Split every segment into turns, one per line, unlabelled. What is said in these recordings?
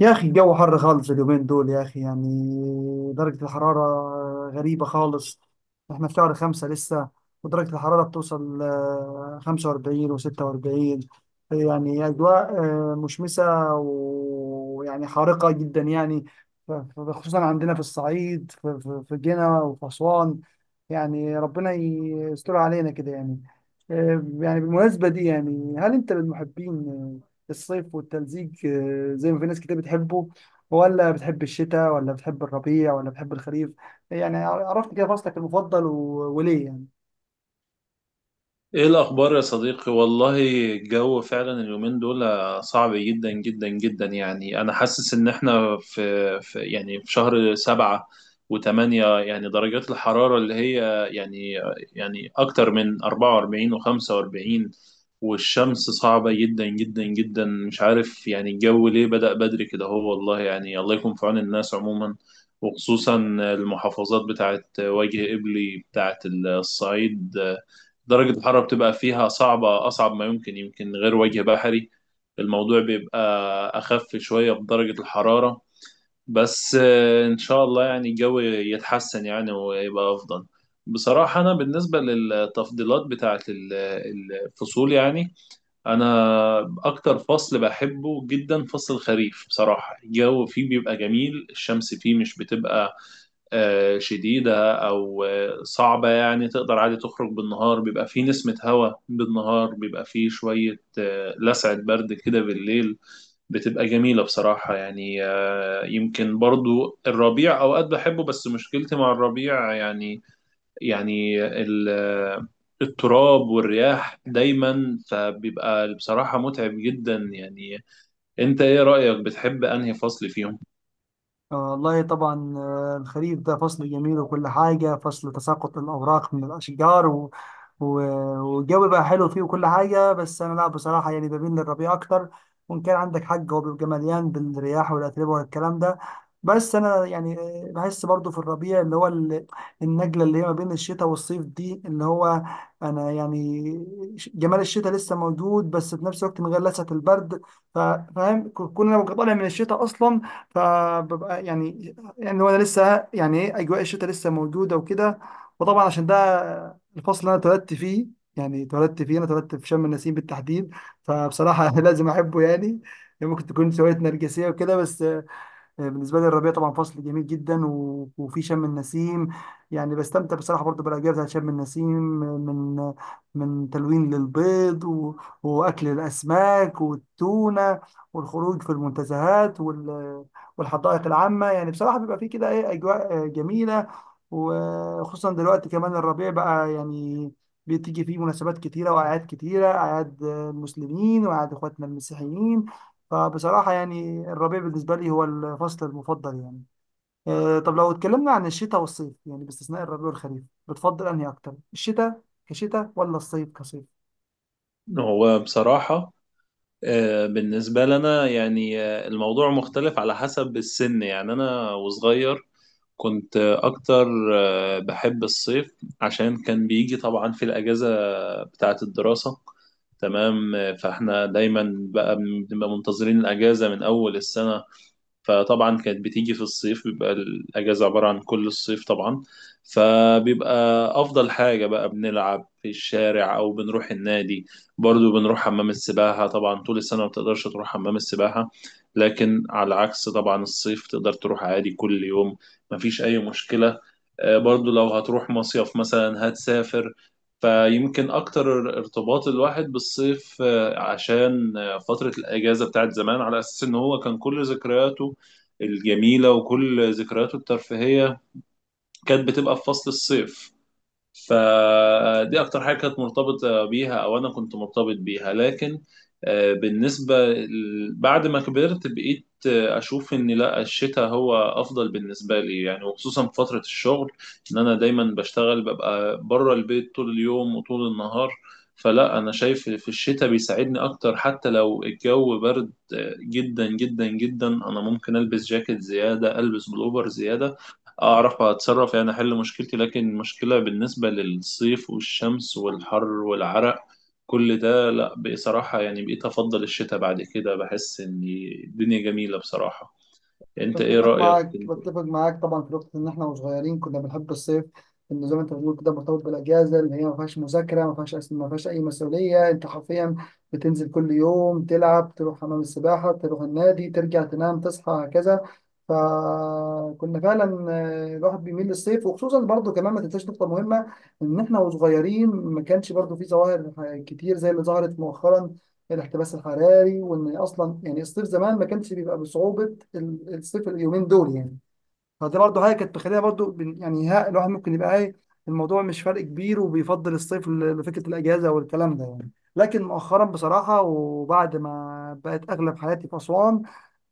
يا اخي، الجو حر خالص اليومين دول، يا اخي، يعني درجة الحرارة غريبة خالص. احنا في شهر خمسة لسه، ودرجة الحرارة بتوصل خمسة وأربعين وستة وأربعين. يعني أجواء مشمسة، ويعني حارقة جدا، يعني. خصوصا عندنا في الصعيد، في في جنة وفي أسوان. يعني ربنا يستر علينا كده، يعني. يعني بالمناسبة دي، يعني هل أنت من محبين الصيف والتلزيق، زي ما في ناس كتير بتحبه؟ ولا بتحب الشتاء؟ ولا بتحب الربيع؟ ولا بتحب الخريف؟ يعني عرفت كده فصلك المفضل وليه، يعني؟
ايه الاخبار يا صديقي، والله الجو فعلا اليومين دول صعب جدا جدا جدا. يعني انا حاسس ان احنا في يعني في شهر سبعة وثمانية، يعني درجات الحرارة اللي هي يعني اكتر من 44 و45، والشمس صعبة جدا جدا جدا. مش عارف يعني الجو ليه بدأ بدري كده، هو والله يعني الله يكون في عون الناس عموما، وخصوصا المحافظات بتاعت وجه قبلي بتاعت الصعيد، درجة الحرارة بتبقى فيها صعبة أصعب ما يمكن. يمكن غير وجه بحري الموضوع بيبقى أخف شوية بدرجة الحرارة. بس آه، إن شاء الله يعني الجو يتحسن يعني ويبقى أفضل. بصراحة أنا بالنسبة للتفضيلات بتاعة الفصول يعني، أنا أكتر فصل بحبه جدا فصل الخريف. بصراحة الجو فيه بيبقى جميل، الشمس فيه مش بتبقى شديدة أو صعبة، يعني تقدر عادي تخرج بالنهار، بيبقى فيه نسمة هواء بالنهار، بيبقى فيه شوية لسعة برد كده بالليل بتبقى جميلة بصراحة. يعني آه، يمكن برضو الربيع أوقات بحبه، بس مشكلتي مع الربيع يعني، يعني التراب والرياح دايما، فبيبقى بصراحة متعب جدا يعني. أنت إيه رأيك بتحب أنهي فصل فيهم؟
والله طبعا، الخريف ده فصل جميل وكل حاجة، فصل تساقط الأوراق من الأشجار و- والجو بقى حلو فيه وكل حاجة. بس أنا لا، بصراحة يعني بميل للربيع أكتر، وإن كان عندك حق هو بيبقى مليان بالرياح والأتربة والكلام ده. بس أنا يعني بحس برضو في الربيع اللي هو النجلة اللي هي ما بين الشتاء والصيف دي، اللي هو أنا يعني، جمال الشتاء لسه موجود، بس في نفس الوقت من غير لسعة البرد. ف- فاهم، كون أنا ببقى طالع من الشتاء أصلا، فببقى يعني، هو أنا لسه، يعني إيه، أجواء الشتاء لسه موجودة وكده. وطبعا عشان ده الفصل اللي انا اتولدت فيه، يعني اتولدت فيه، انا اتولدت في شم النسيم بالتحديد. فبصراحه لازم احبه، يعني. ممكن تكون شويه نرجسيه وكده، بس بالنسبه لي الربيع طبعا فصل جميل جدا، وفي شم النسيم يعني بستمتع بصراحه برضو بالاجواء بتاعت شم النسيم، من تلوين للبيض واكل الاسماك والتونه، والخروج في المنتزهات والحدائق العامه. يعني بصراحه بيبقى في كده ايه، اجواء جميله. وخصوصا دلوقتي كمان الربيع بقى، يعني بتيجي فيه مناسبات كتيرة وأعياد كتيرة، أعياد المسلمين وأعياد إخواتنا المسيحيين. فبصراحة يعني الربيع بالنسبة لي هو الفصل المفضل، يعني. طب لو اتكلمنا عن الشتاء والصيف، يعني باستثناء الربيع والخريف، بتفضل أنهي أكتر؟ الشتاء كشتاء ولا الصيف كصيف؟
هو بصراحة آه، بالنسبة لنا يعني آه، الموضوع مختلف على حسب السن. يعني أنا وصغير كنت أكتر بحب الصيف، عشان كان بيجي طبعا في الأجازة بتاعة الدراسة. تمام آه، فإحنا دايما بقى بنبقى منتظرين الأجازة من أول السنة، فطبعا كانت بتيجي في الصيف، بيبقى الأجازة عبارة عن كل الصيف طبعا. فبيبقى أفضل حاجة بقى بنلعب في الشارع أو بنروح النادي، برضو بنروح حمام السباحة. طبعا طول السنة ما بتقدرش تروح حمام السباحة، لكن على عكس طبعا الصيف تقدر تروح عادي كل يوم، مفيش أي مشكلة. آه، برضو لو هتروح مصيف مثلا هتسافر، فيمكن أكتر ارتباط الواحد بالصيف آه، عشان آه، فترة الأجازة بتاعت زمان، على أساس إن هو كان كل ذكرياته الجميلة وكل ذكرياته الترفيهية كانت بتبقى في فصل الصيف. فدي اكتر حاجه كانت مرتبطه بيها، او انا كنت مرتبط بيها. لكن آه، بعد ما كبرت بقيت اشوف ان لا، الشتاء هو افضل بالنسبه لي يعني، وخصوصا في فتره الشغل ان انا دايما بشتغل ببقى بره البيت طول اليوم وطول النهار. فلا انا شايف في الشتاء بيساعدني اكتر، حتى لو الجو برد آه، جدا جدا جدا، انا ممكن البس جاكيت زياده، البس بلوفر زياده، اعرف اتصرف يعني، احل مشكلتي. لكن المشكله بالنسبه للصيف والشمس والحر والعرق كل ده لا، بصراحه يعني بقيت افضل الشتاء بعد كده، بحس ان الدنيا جميله بصراحه. انت ايه رايك انت؟
بتفق معاك طبعا في نقطة إن إحنا وصغيرين كنا بنحب الصيف. إنه زي ما أنت بتقول كده مرتبط بالأجازة، اللي هي ما فيهاش مذاكرة، ما فيهاش ما فيهاش أي مسؤولية، أنت حرفيا بتنزل كل يوم تلعب، تروح حمام السباحة، تروح النادي، ترجع تنام، تصحى، هكذا. فكنا فعلا، الواحد بيميل للصيف، وخصوصا برضه كمان ما تنساش نقطة مهمة، إن إحنا وصغيرين ما كانش برضه في ظواهر كتير زي اللي ظهرت مؤخرا، الاحتباس الحراري. وان اصلا يعني الصيف زمان ما كانش بيبقى بصعوبه الصيف اليومين دول، يعني. فدي برضه حاجه كانت مخليها برضه، يعني ها، الواحد ممكن يبقى ايه، الموضوع مش فرق كبير، وبيفضل الصيف لفكره الاجازه والكلام ده، يعني. لكن مؤخرا بصراحه، وبعد ما بقت اغلب حياتي في اسوان،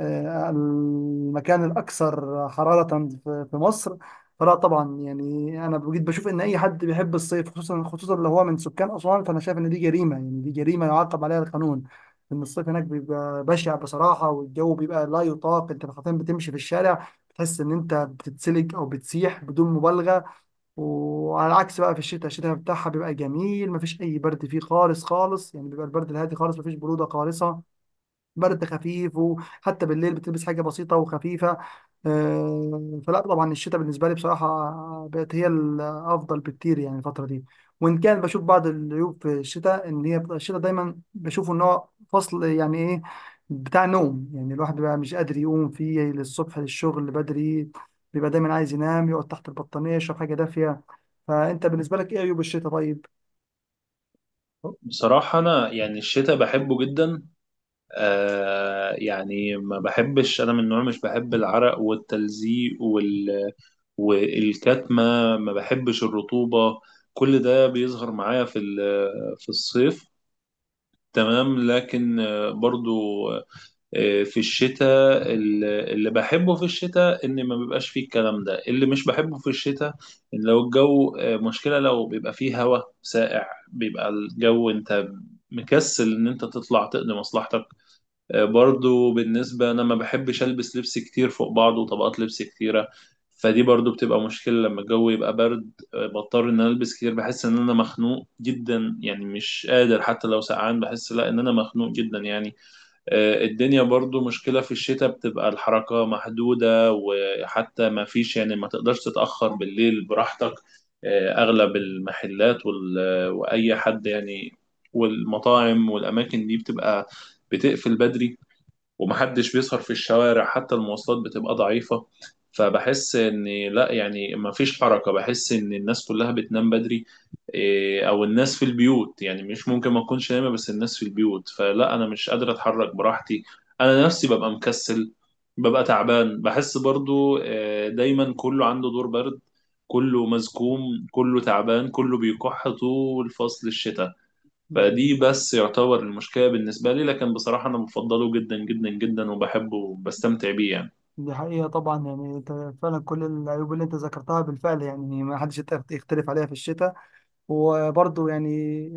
المكان الأكثر حرارة في مصر، فلا طبعا يعني أنا بجد بشوف إن أي حد بيحب الصيف، خصوصا خصوصا لو هو من سكان أسوان، فأنا شايف إن دي جريمة، يعني دي جريمة يعاقب عليها القانون. إن الصيف هناك بيبقى بشع بصراحة، والجو بيبقى لا يطاق، أنت حرفيا بتمشي في الشارع بتحس إن أنت بتتسلج أو بتسيح بدون مبالغة. وعلى العكس بقى في الشتاء، الشتاء بتاعها بيبقى جميل، مفيش أي برد فيه خالص خالص، يعني بيبقى البرد الهادي خالص، مفيش برودة خالصة، برد خفيف، وحتى بالليل بتلبس حاجة بسيطة وخفيفة. فلا طبعا الشتاء بالنسبة لي بصراحة بقت هي الأفضل بكتير، يعني الفترة دي. وإن كان بشوف بعض العيوب في الشتاء، إن هي بتبقى الشتاء دايما بشوفه إن هو فصل يعني إيه، بتاع نوم. يعني الواحد بيبقى مش قادر يقوم فيه للصبح للشغل بدري، بيبقى دايما عايز ينام، يقعد تحت البطانية، يشرب حاجة دافية. فأنت بالنسبة لك إيه عيوب الشتاء، طيب؟
بصراحة أنا يعني الشتاء بحبه جدا. آه يعني ما بحبش، أنا من النوع مش بحب العرق والتلزيق وال والكتمة، ما بحبش الرطوبة، كل ده بيظهر معايا في في الصيف. تمام لكن آه، برضو آه، في الشتاء اللي بحبه في الشتاء ان ما بيبقاش فيه الكلام ده. اللي مش بحبه في الشتاء ان لو الجو آه، مشكلة لو بيبقى فيه هواء ساقع، بيبقى الجو انت مكسل ان انت تطلع تقضي مصلحتك. آه، برضو بالنسبة أنا ما بحبش ألبس لبس كتير فوق بعضه وطبقات لبس كتيرة، فدي برضو بتبقى مشكلة لما الجو يبقى برد. آه، بضطر إن أنا ألبس كتير، بحس إن أنا مخنوق جدا يعني، مش قادر، حتى لو سقعان بحس لا إن أنا مخنوق جدا يعني. آه، الدنيا برضو مشكلة في الشتاء، بتبقى الحركة محدودة، وحتى ما فيش يعني ما تقدرش تتأخر بالليل براحتك. آه، أغلب المحلات وأي حد يعني، والمطاعم والأماكن دي بتبقى بتقفل بدري، ومحدش بيسهر في الشوارع، حتى المواصلات بتبقى ضعيفة. فبحس ان لا يعني مفيش حركة، بحس ان الناس كلها بتنام بدري. إيه، او الناس في البيوت يعني، مش ممكن ما اكونش نايمة بس الناس في البيوت، فلا انا مش قادر اتحرك براحتي. انا نفسي ببقى مكسل، ببقى تعبان، بحس برضو آه، دايما كله عنده دور برد، كله مزكوم، كله تعبان، كله بيكح طول فصل الشتاء. فدي بس يعتبر المشكلة بالنسبة لي، لكن بصراحة أنا بفضله جدا جدا جدا وبحبه وبستمتع بيه يعني.
دي حقيقة طبعا، يعني انت فعلا كل العيوب اللي انت ذكرتها بالفعل، يعني ما حدش يقدر يختلف عليها في الشتاء. وبرضه يعني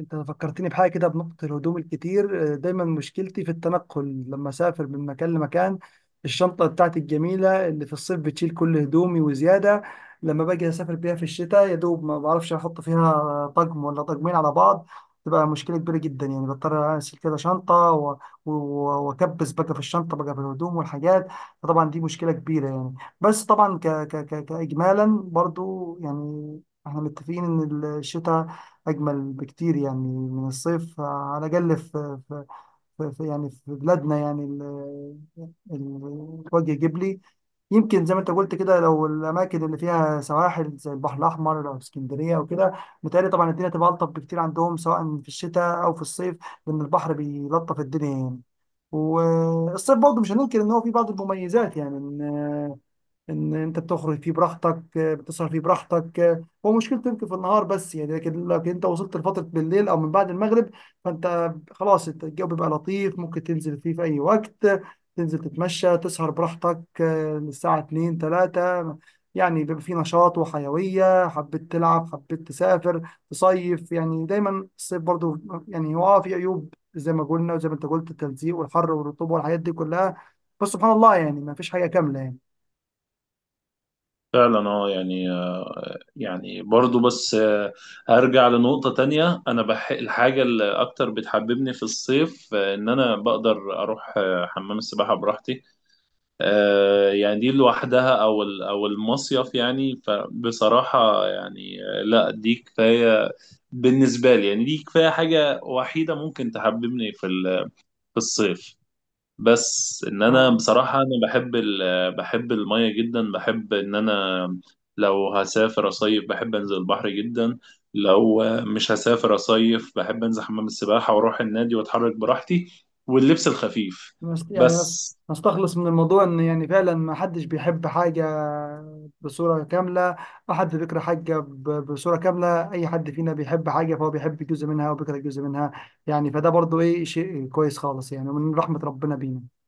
انت فكرتني بحاجه كده، بنقطه الهدوم الكتير. دايما مشكلتي في التنقل لما اسافر من مكان لمكان، الشنطه بتاعتي الجميله اللي في الصيف بتشيل كل هدومي وزياده، لما باجي اسافر بيها في الشتاء يا دوب ما بعرفش احط فيها طقم ولا طقمين على بعض. تبقى مشكله كبيره جدا، يعني بضطر اشيل كده شنطه و- واكبس بقى في الشنطه، بقى في الهدوم والحاجات. فطبعا دي مشكله كبيره، يعني. بس طبعا ك ك ك كاجمالا برضو، يعني احنا متفقين ان الشتاء أجمل بكتير، يعني من الصيف، على الأقل في يعني في بلادنا، يعني الوجه الجبلي. يمكن زي ما أنت قلت كده، لو الأماكن اللي فيها سواحل زي البحر الأحمر أو اسكندرية وكده، متهيألي طبعا الدنيا تبقى ألطف بكتير عندهم، سواء في الشتاء أو في الصيف، لأن البحر بيلطف الدنيا، يعني. والصيف برضه مش هننكر إن هو فيه بعض المميزات، يعني ان انت بتخرج فيه براحتك، بتسهر فيه براحتك، هو مشكلته يمكن في النهار بس، يعني لكن انت وصلت لفتره بالليل او من بعد المغرب، فانت خلاص، انت الجو بيبقى لطيف ممكن تنزل فيه في اي وقت، تنزل تتمشى تسهر براحتك للساعه 2 3. يعني بيبقى فيه نشاط وحيويه، حبيت تلعب، حبيت تسافر تصيف، يعني دايما الصيف برضو، يعني هو في عيوب زي ما قلنا وزي ما انت قلت، التلزيق والحر والرطوبه والحاجات دي كلها. بس سبحان الله، يعني ما فيش حاجه كامله، يعني.
فعلا اه يعني آه، يعني برضو بس آه، هرجع لنقطة تانية. أنا بح الحاجة اللي أكتر بتحببني في الصيف آه، إن أنا بقدر أروح آه، حمام السباحة براحتي. آه، يعني دي لوحدها أو أو المصيف يعني، فبصراحة يعني آه، لا دي كفاية بالنسبة لي يعني، دي كفاية حاجة وحيدة ممكن تحببني في في الصيف. بس ان
ف...
انا بصراحه انا بحب ال... بحب الميه جدا، بحب ان انا لو هسافر اصيف بحب انزل البحر جدا، لو مش هسافر اصيف بحب انزل حمام السباحه واروح النادي واتحرك براحتي واللبس الخفيف
نست- يعني نس-
بس
نستخلص من الموضوع ان يعني فعلا ما حدش بيحب حاجة بصورة كاملة، ما حد بيكره حاجة بصورة كاملة. اي حد فينا بيحب حاجة فهو بيحب جزء منها وبيكره جزء منها، يعني فده برضو ايه، شيء كويس خالص، يعني ومن رحمة ربنا بينا.